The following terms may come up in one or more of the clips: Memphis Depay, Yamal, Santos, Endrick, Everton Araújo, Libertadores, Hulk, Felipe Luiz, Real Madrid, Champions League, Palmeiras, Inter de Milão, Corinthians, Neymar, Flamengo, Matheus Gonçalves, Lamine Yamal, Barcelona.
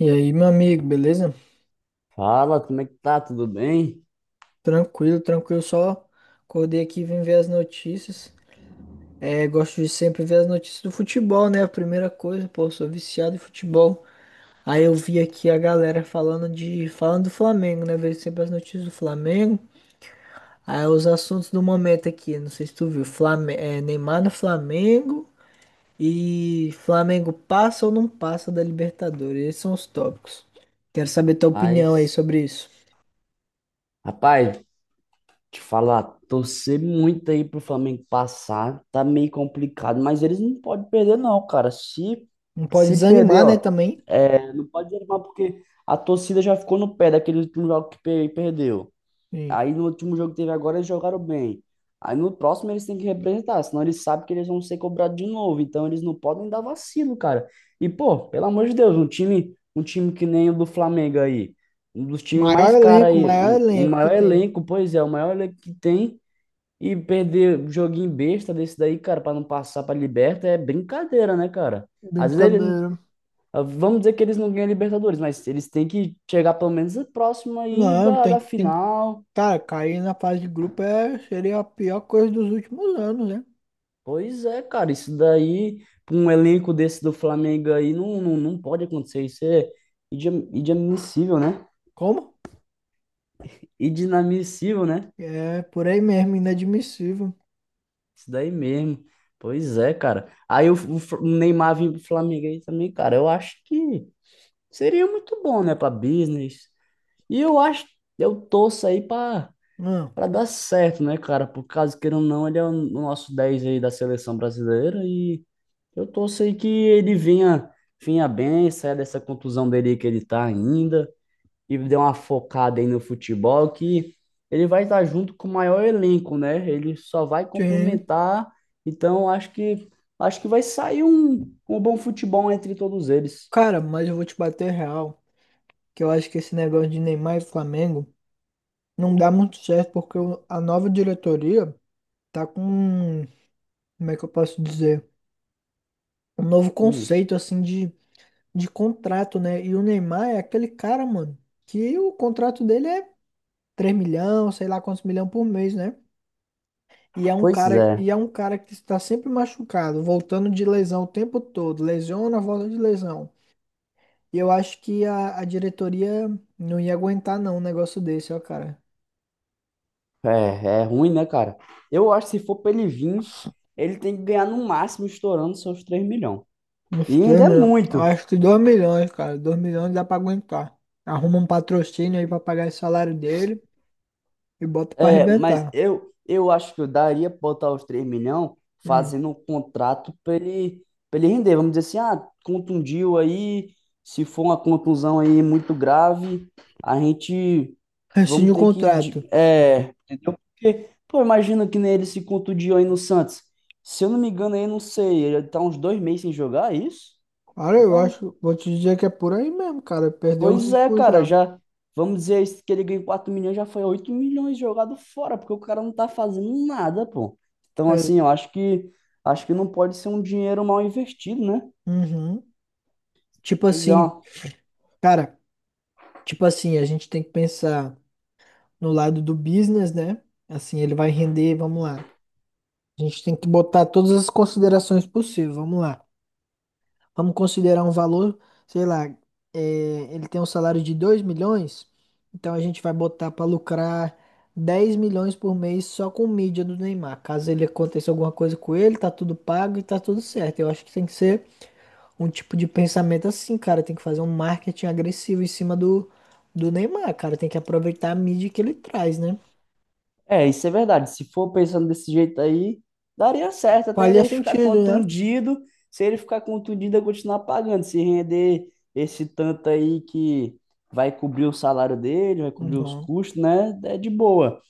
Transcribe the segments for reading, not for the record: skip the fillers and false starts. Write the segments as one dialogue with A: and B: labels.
A: E aí, meu amigo, beleza?
B: Fala, como é que tá? Tudo bem?
A: Tranquilo, tranquilo, só acordei aqui e vim ver as notícias. É, gosto de sempre ver as notícias do futebol, né? A primeira coisa, pô, sou viciado em futebol. Aí eu vi aqui a galera falando do Flamengo, né? Vejo sempre as notícias do Flamengo. Aí os assuntos do momento aqui, não sei se tu viu, Neymar no Flamengo e Flamengo passa ou não passa da Libertadores. Esses são os tópicos. Quero saber tua opinião aí
B: Paz.
A: sobre isso.
B: Rapaz, te falar, torcer muito aí pro Flamengo passar, tá meio complicado, mas eles não podem perder não, cara. Se
A: Não pode
B: se
A: desanimar,
B: perder,
A: né,
B: ó,
A: também?
B: é, não pode desanimar porque a torcida já ficou no pé daquele último jogo que perdeu. Aí no último jogo que teve agora, eles jogaram bem. Aí no próximo eles têm que representar, senão eles sabem que eles vão ser cobrados de novo. Então eles não podem dar vacilo, cara. E, pô, pelo amor de Deus, um time que nem o do Flamengo aí, um dos times mais caros aí,
A: Maior
B: um, o
A: elenco que
B: maior
A: tem.
B: elenco, pois é, o maior elenco que tem, e perder joguinho besta desse daí, cara, pra não passar pra Liberta é brincadeira, né, cara? Às vezes ele.
A: Brincadeira.
B: Vamos dizer que eles não ganham Libertadores, mas eles têm que chegar pelo menos próximo aí
A: Não,
B: da
A: tem, tem.
B: final.
A: Cara, cair na fase de grupo seria a pior coisa dos últimos anos, né?
B: Pois é, cara, isso daí, pra um elenco desse do Flamengo aí, não pode acontecer. Isso é inadmissível, né?
A: Como?
B: Inadmissível, né?
A: É, por aí mesmo, inadmissível.
B: Isso daí mesmo. Pois é, cara. Aí o Neymar vir pro Flamengo aí também, cara, eu acho que seria muito bom, né, pra business. E eu acho, eu torço aí pra,
A: Não,
B: pra dar certo, né, cara? Por caso queira ou não, ele é o nosso 10 aí da seleção brasileira e. Eu torço aí que ele venha, venha bem, saia dessa contusão dele que ele tá ainda e dê uma focada aí no futebol que ele vai estar junto com o maior elenco, né? Ele só vai
A: sim.
B: complementar. Então, acho que vai sair um bom futebol entre todos eles.
A: Cara, mas eu vou te bater real, que eu acho que esse negócio de Neymar e Flamengo não dá muito certo, porque a nova diretoria tá com, como é que eu posso dizer? Um novo
B: Hum,
A: conceito, assim, de contrato, né? E o Neymar é aquele cara, mano, que o contrato dele é 3 milhão, sei lá quantos milhão por mês, né?
B: pois é.
A: E é um cara que está sempre machucado, voltando de lesão o tempo todo, lesiona, volta de lesão. E eu acho que a diretoria não ia aguentar não um negócio desse, ó, cara.
B: É, é ruim, né, cara? Eu acho que se for pra ele vir, ele tem que ganhar no máximo estourando seus 3 milhões.
A: Uns
B: E
A: 3
B: ainda é
A: milhões,
B: muito.
A: acho que 2 milhões, cara, 2 milhões dá pra aguentar. Arruma um patrocínio aí pra pagar esse salário dele e bota pra
B: É, mas
A: arrebentar.
B: eu acho que eu daria pra botar os 3 milhões
A: Hum.
B: fazendo um contrato pra ele render. Vamos dizer assim, ah, contundiu aí, se for uma contusão aí muito grave, a gente vamos
A: Rescinde o
B: ter que,
A: contrato.
B: é, entendeu? Porque, pô, imagina que nem ele se contundiu aí no Santos. Se eu não me engano, aí, não sei, ele tá uns 2 meses sem jogar, é isso?
A: Cara,
B: Vai Tá
A: eu
B: uns,
A: acho, vou te dizer que é por aí mesmo, cara, perdeu o
B: pois é,
A: ritmo
B: cara,
A: já.
B: já vamos dizer isso, que ele ganhou 4 milhões, já foi 8 milhões jogado fora, porque o cara não tá fazendo nada, pô. Então,
A: É.
B: assim, eu acho que não pode ser um dinheiro mal investido, né?
A: Uhum. Tipo
B: Pois é,
A: assim,
B: ó.
A: cara, tipo assim, a gente tem que pensar no lado do business, né? Assim, ele vai render, vamos lá. A gente tem que botar todas as considerações possíveis, vamos lá. Vamos considerar um valor, sei lá, é, ele tem um salário de 2 milhões, então a gente vai botar para lucrar 10 milhões por mês só com mídia do Neymar. Caso ele aconteça alguma coisa com ele, tá tudo pago e tá tudo certo. Eu acho que tem que ser um tipo de pensamento assim, cara. Tem que fazer um marketing agressivo em cima do Neymar, cara. Tem que aproveitar a mídia que ele traz, né?
B: É, isso é verdade. Se for pensando desse jeito aí, daria certo até
A: Faria
B: ele ficar
A: sentido, né?
B: contundido. Se ele ficar contundido, eu continuar pagando. Se render esse tanto aí que vai cobrir o salário dele, vai cobrir os
A: Uhum.
B: custos, né? É de boa.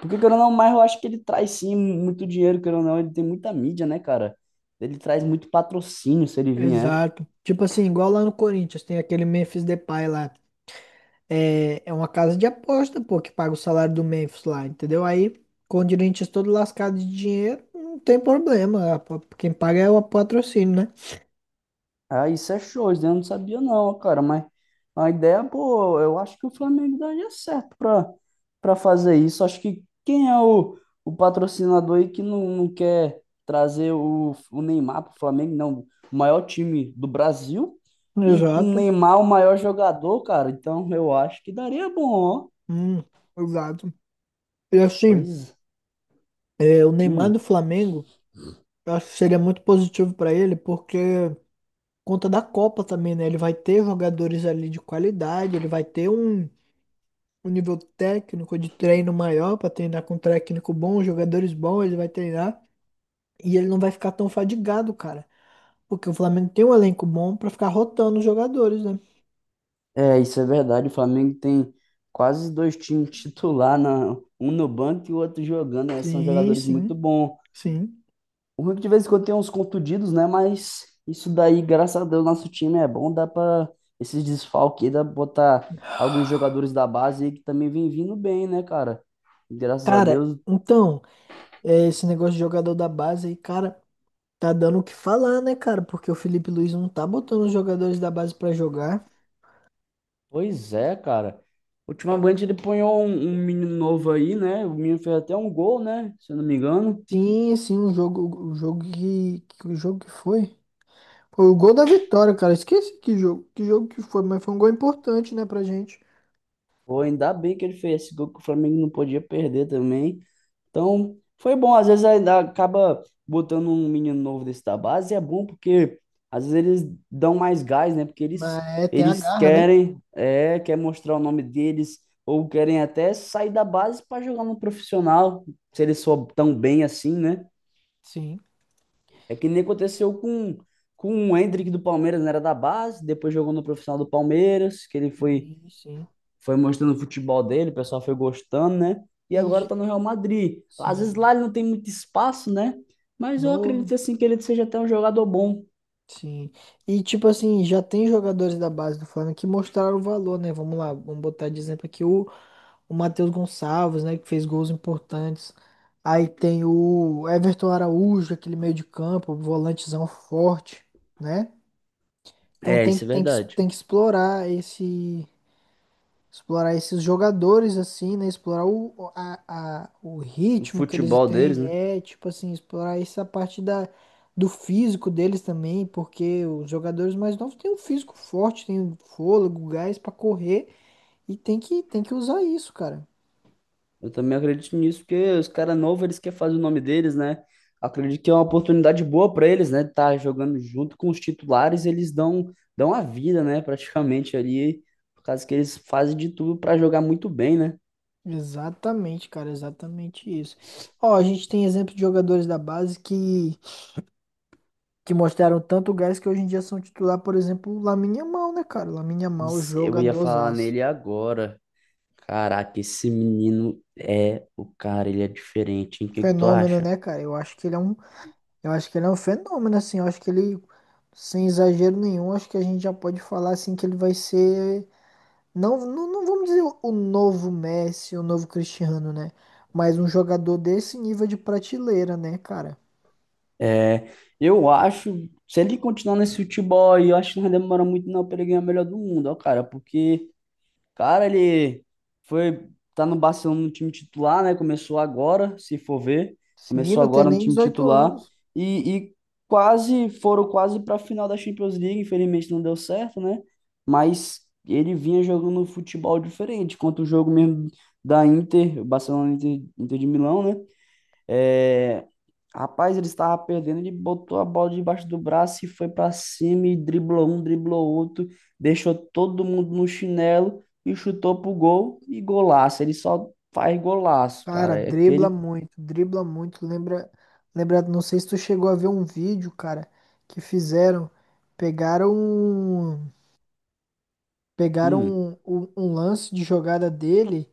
B: Porque, querendo ou não, mas eu acho que ele traz sim muito dinheiro, querendo ou não, ele tem muita mídia, né, cara? Ele traz muito patrocínio se ele vier.
A: Exato. Tipo assim, igual lá no Corinthians, tem aquele Memphis Depay lá. É uma casa de aposta, pô, que paga o salário do Memphis lá, entendeu? Aí, com o Corinthians todo lascado de dinheiro, não tem problema. Quem paga é o patrocínio, né?
B: Ah, isso é show, isso eu não sabia não, cara, mas a ideia, pô, eu acho que o Flamengo daria certo pra, pra fazer isso. Acho que quem é o patrocinador aí que não quer trazer o Neymar pro Flamengo, não, o maior time do Brasil e com o
A: Exato.
B: Neymar o maior jogador, cara, então eu acho que daria bom, ó.
A: Hum, exato. E assim,
B: Pois,
A: o Neymar do
B: hum.
A: Flamengo. Eu acho que seria muito positivo para ele, porque conta da Copa também, né? Ele vai ter jogadores ali de qualidade, ele vai ter um nível técnico de treino maior para treinar com um técnico bom, jogadores bons, ele vai treinar e ele não vai ficar tão fadigado, cara, porque o Flamengo tem um elenco bom para ficar rotando os jogadores, né?
B: É, isso é verdade. O Flamengo tem quase dois times titular, na, um no banco e o outro jogando. Né? São
A: Sim,
B: jogadores muito
A: sim,
B: bons.
A: sim.
B: O Hulk de vez em quando tem uns contundidos, né? Mas isso daí, graças a Deus, nosso time é bom. Dá para esses desfalques, aí, dá pra botar alguns jogadores da base aí que também vem vindo bem, né, cara? Graças a
A: Cara,
B: Deus.
A: então, esse negócio de jogador da base aí, cara, tá dando o que falar, né, cara? Porque o Felipe Luiz não tá botando os jogadores da base para jogar.
B: Pois é, cara. Ultimamente ele ponhou um menino novo aí, né? O menino fez até um gol, né? Se eu não me engano.
A: Sim, sim, o jogo que o jogo que foi. Foi o gol da vitória, cara. Esqueci que jogo, que jogo que foi, mas foi um gol importante, né, pra gente.
B: Pô, ainda bem que ele fez esse gol que o Flamengo não podia perder também. Então, foi bom. Às vezes ainda acaba botando um menino novo desse da base, e é bom porque às vezes eles dão mais gás, né? Porque eles,
A: Mas é, tem a
B: eles
A: garra, né?
B: querem, é, quer mostrar o nome deles, ou querem até sair da base para jogar no profissional, se eles for tão bem assim, né?
A: Sim,
B: É que nem aconteceu com o Endrick do Palmeiras, né? Era da base, depois jogou no profissional do Palmeiras, que ele
A: sim, sim.
B: foi mostrando o futebol dele, o pessoal foi gostando, né? E
A: E
B: agora
A: j-
B: tá no Real Madrid. Às vezes
A: sim,
B: lá ele não tem muito espaço, né? Mas eu
A: novo,
B: acredito assim que ele seja até um jogador bom.
A: sim. E tipo assim, já tem jogadores da base do Flamengo que mostraram o valor, né? Vamos lá, vamos botar de exemplo aqui o Matheus Gonçalves, né, que fez gols importantes. Aí tem o Everton Araújo, aquele meio de campo, volantezão forte, né? Então
B: É,
A: tem
B: isso
A: que,
B: é
A: tem que,
B: verdade.
A: tem que explorar explorar esses jogadores assim, né? Explorar o
B: O
A: ritmo que eles
B: futebol deles,
A: têm,
B: né?
A: é tipo assim, explorar essa parte do físico deles também, porque os jogadores mais novos têm um físico forte, têm um fôlego, gás pra correr e tem que usar isso, cara.
B: Eu também acredito nisso, porque os caras novos, eles querem fazer o nome deles, né? Acredito que é uma oportunidade boa para eles, né? Tá jogando junto com os titulares, eles dão, dão a vida, né? Praticamente ali, por causa que eles fazem de tudo para jogar muito bem, né?
A: Exatamente, cara, exatamente isso. Ó, a gente tem exemplo de jogadores da base que mostraram tanto gás que hoje em dia são titular, por exemplo, o Lamine Yamal, né, cara? O Lamine Yamal,
B: Isso, eu ia falar
A: jogadorzaço.
B: nele agora. Caraca, esse menino é o cara, ele é diferente, hein? O que que tu
A: Fenômeno,
B: acha?
A: né, cara? Eu acho que ele é um, eu acho que ele é um fenômeno, assim. Eu acho que ele, sem exagero nenhum, acho que a gente já pode falar, assim, que ele vai ser, não, não, não vamos dizer o novo Messi, o novo Cristiano, né? Mas um jogador desse nível de prateleira, né, cara?
B: É, eu acho, se ele continuar nesse futebol aí, eu acho que não vai demorar muito não pra ele ganhar o melhor do mundo, ó, cara, porque cara, ele foi tá no Barcelona no time titular, né? Começou agora, se for ver,
A: Sim,
B: começou
A: não tem
B: agora no
A: nem
B: time
A: 18
B: titular
A: anos.
B: e quase foram quase para a final da Champions League, infelizmente não deu certo, né? Mas ele vinha jogando um futebol diferente, quanto o jogo mesmo da Inter, o Barcelona Inter, Inter de Milão, né? É, rapaz, ele estava perdendo, ele botou a bola debaixo do braço e foi para cima e driblou um, driblou outro, deixou todo mundo no chinelo e chutou pro gol e golaço. Ele só faz golaço,
A: Cara,
B: cara. É
A: dribla
B: aquele.
A: muito, dribla muito. Lembra, lembra, não sei se tu chegou a ver um vídeo, cara, que fizeram, pegaram, um- pegaram
B: Hum.
A: um lance de jogada dele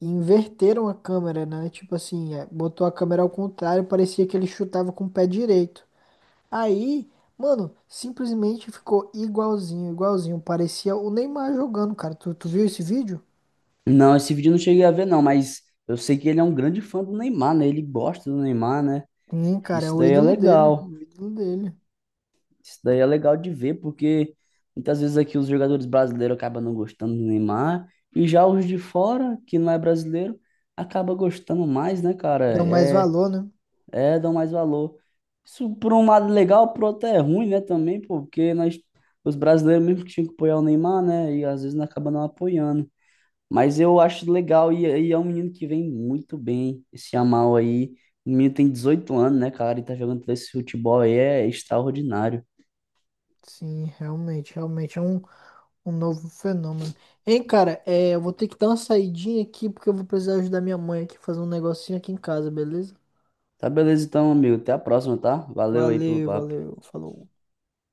A: e inverteram a câmera, né? Tipo assim, botou a câmera ao contrário, parecia que ele chutava com o pé direito. Aí, mano, simplesmente ficou igualzinho, igualzinho. Parecia o Neymar jogando, cara. Tu viu esse vídeo?
B: Não, esse vídeo eu não cheguei a ver, não, mas eu sei que ele é um grande fã do Neymar, né? Ele gosta do Neymar, né?
A: Sim, cara, é
B: Isso
A: o
B: daí é
A: ídolo dele,
B: legal.
A: o ídolo dele.
B: Isso daí é legal de ver, porque muitas vezes aqui os jogadores brasileiros acabam não gostando do Neymar, e já os de fora, que não é brasileiro, acaba gostando mais, né, cara?
A: Dão mais
B: É,
A: valor, né?
B: é, dão mais valor. Isso por um lado é legal, por outro é ruim, né, também, pô, porque nós, os brasileiros mesmo que tinham que apoiar o Neymar, né, e às vezes não acaba não apoiando. Mas eu acho legal, e é um menino que vem muito bem, esse Yamal aí. O menino tem 18 anos, né, cara, e tá jogando esse futebol aí, é extraordinário.
A: Sim, realmente, realmente é um novo fenômeno. Hein, cara, eu vou ter que dar uma saidinha aqui porque eu vou precisar ajudar minha mãe aqui fazer um negocinho aqui em casa, beleza?
B: Tá beleza então, amigo. Até a próxima, tá? Valeu aí pelo
A: Valeu,
B: papo.
A: valeu, falou.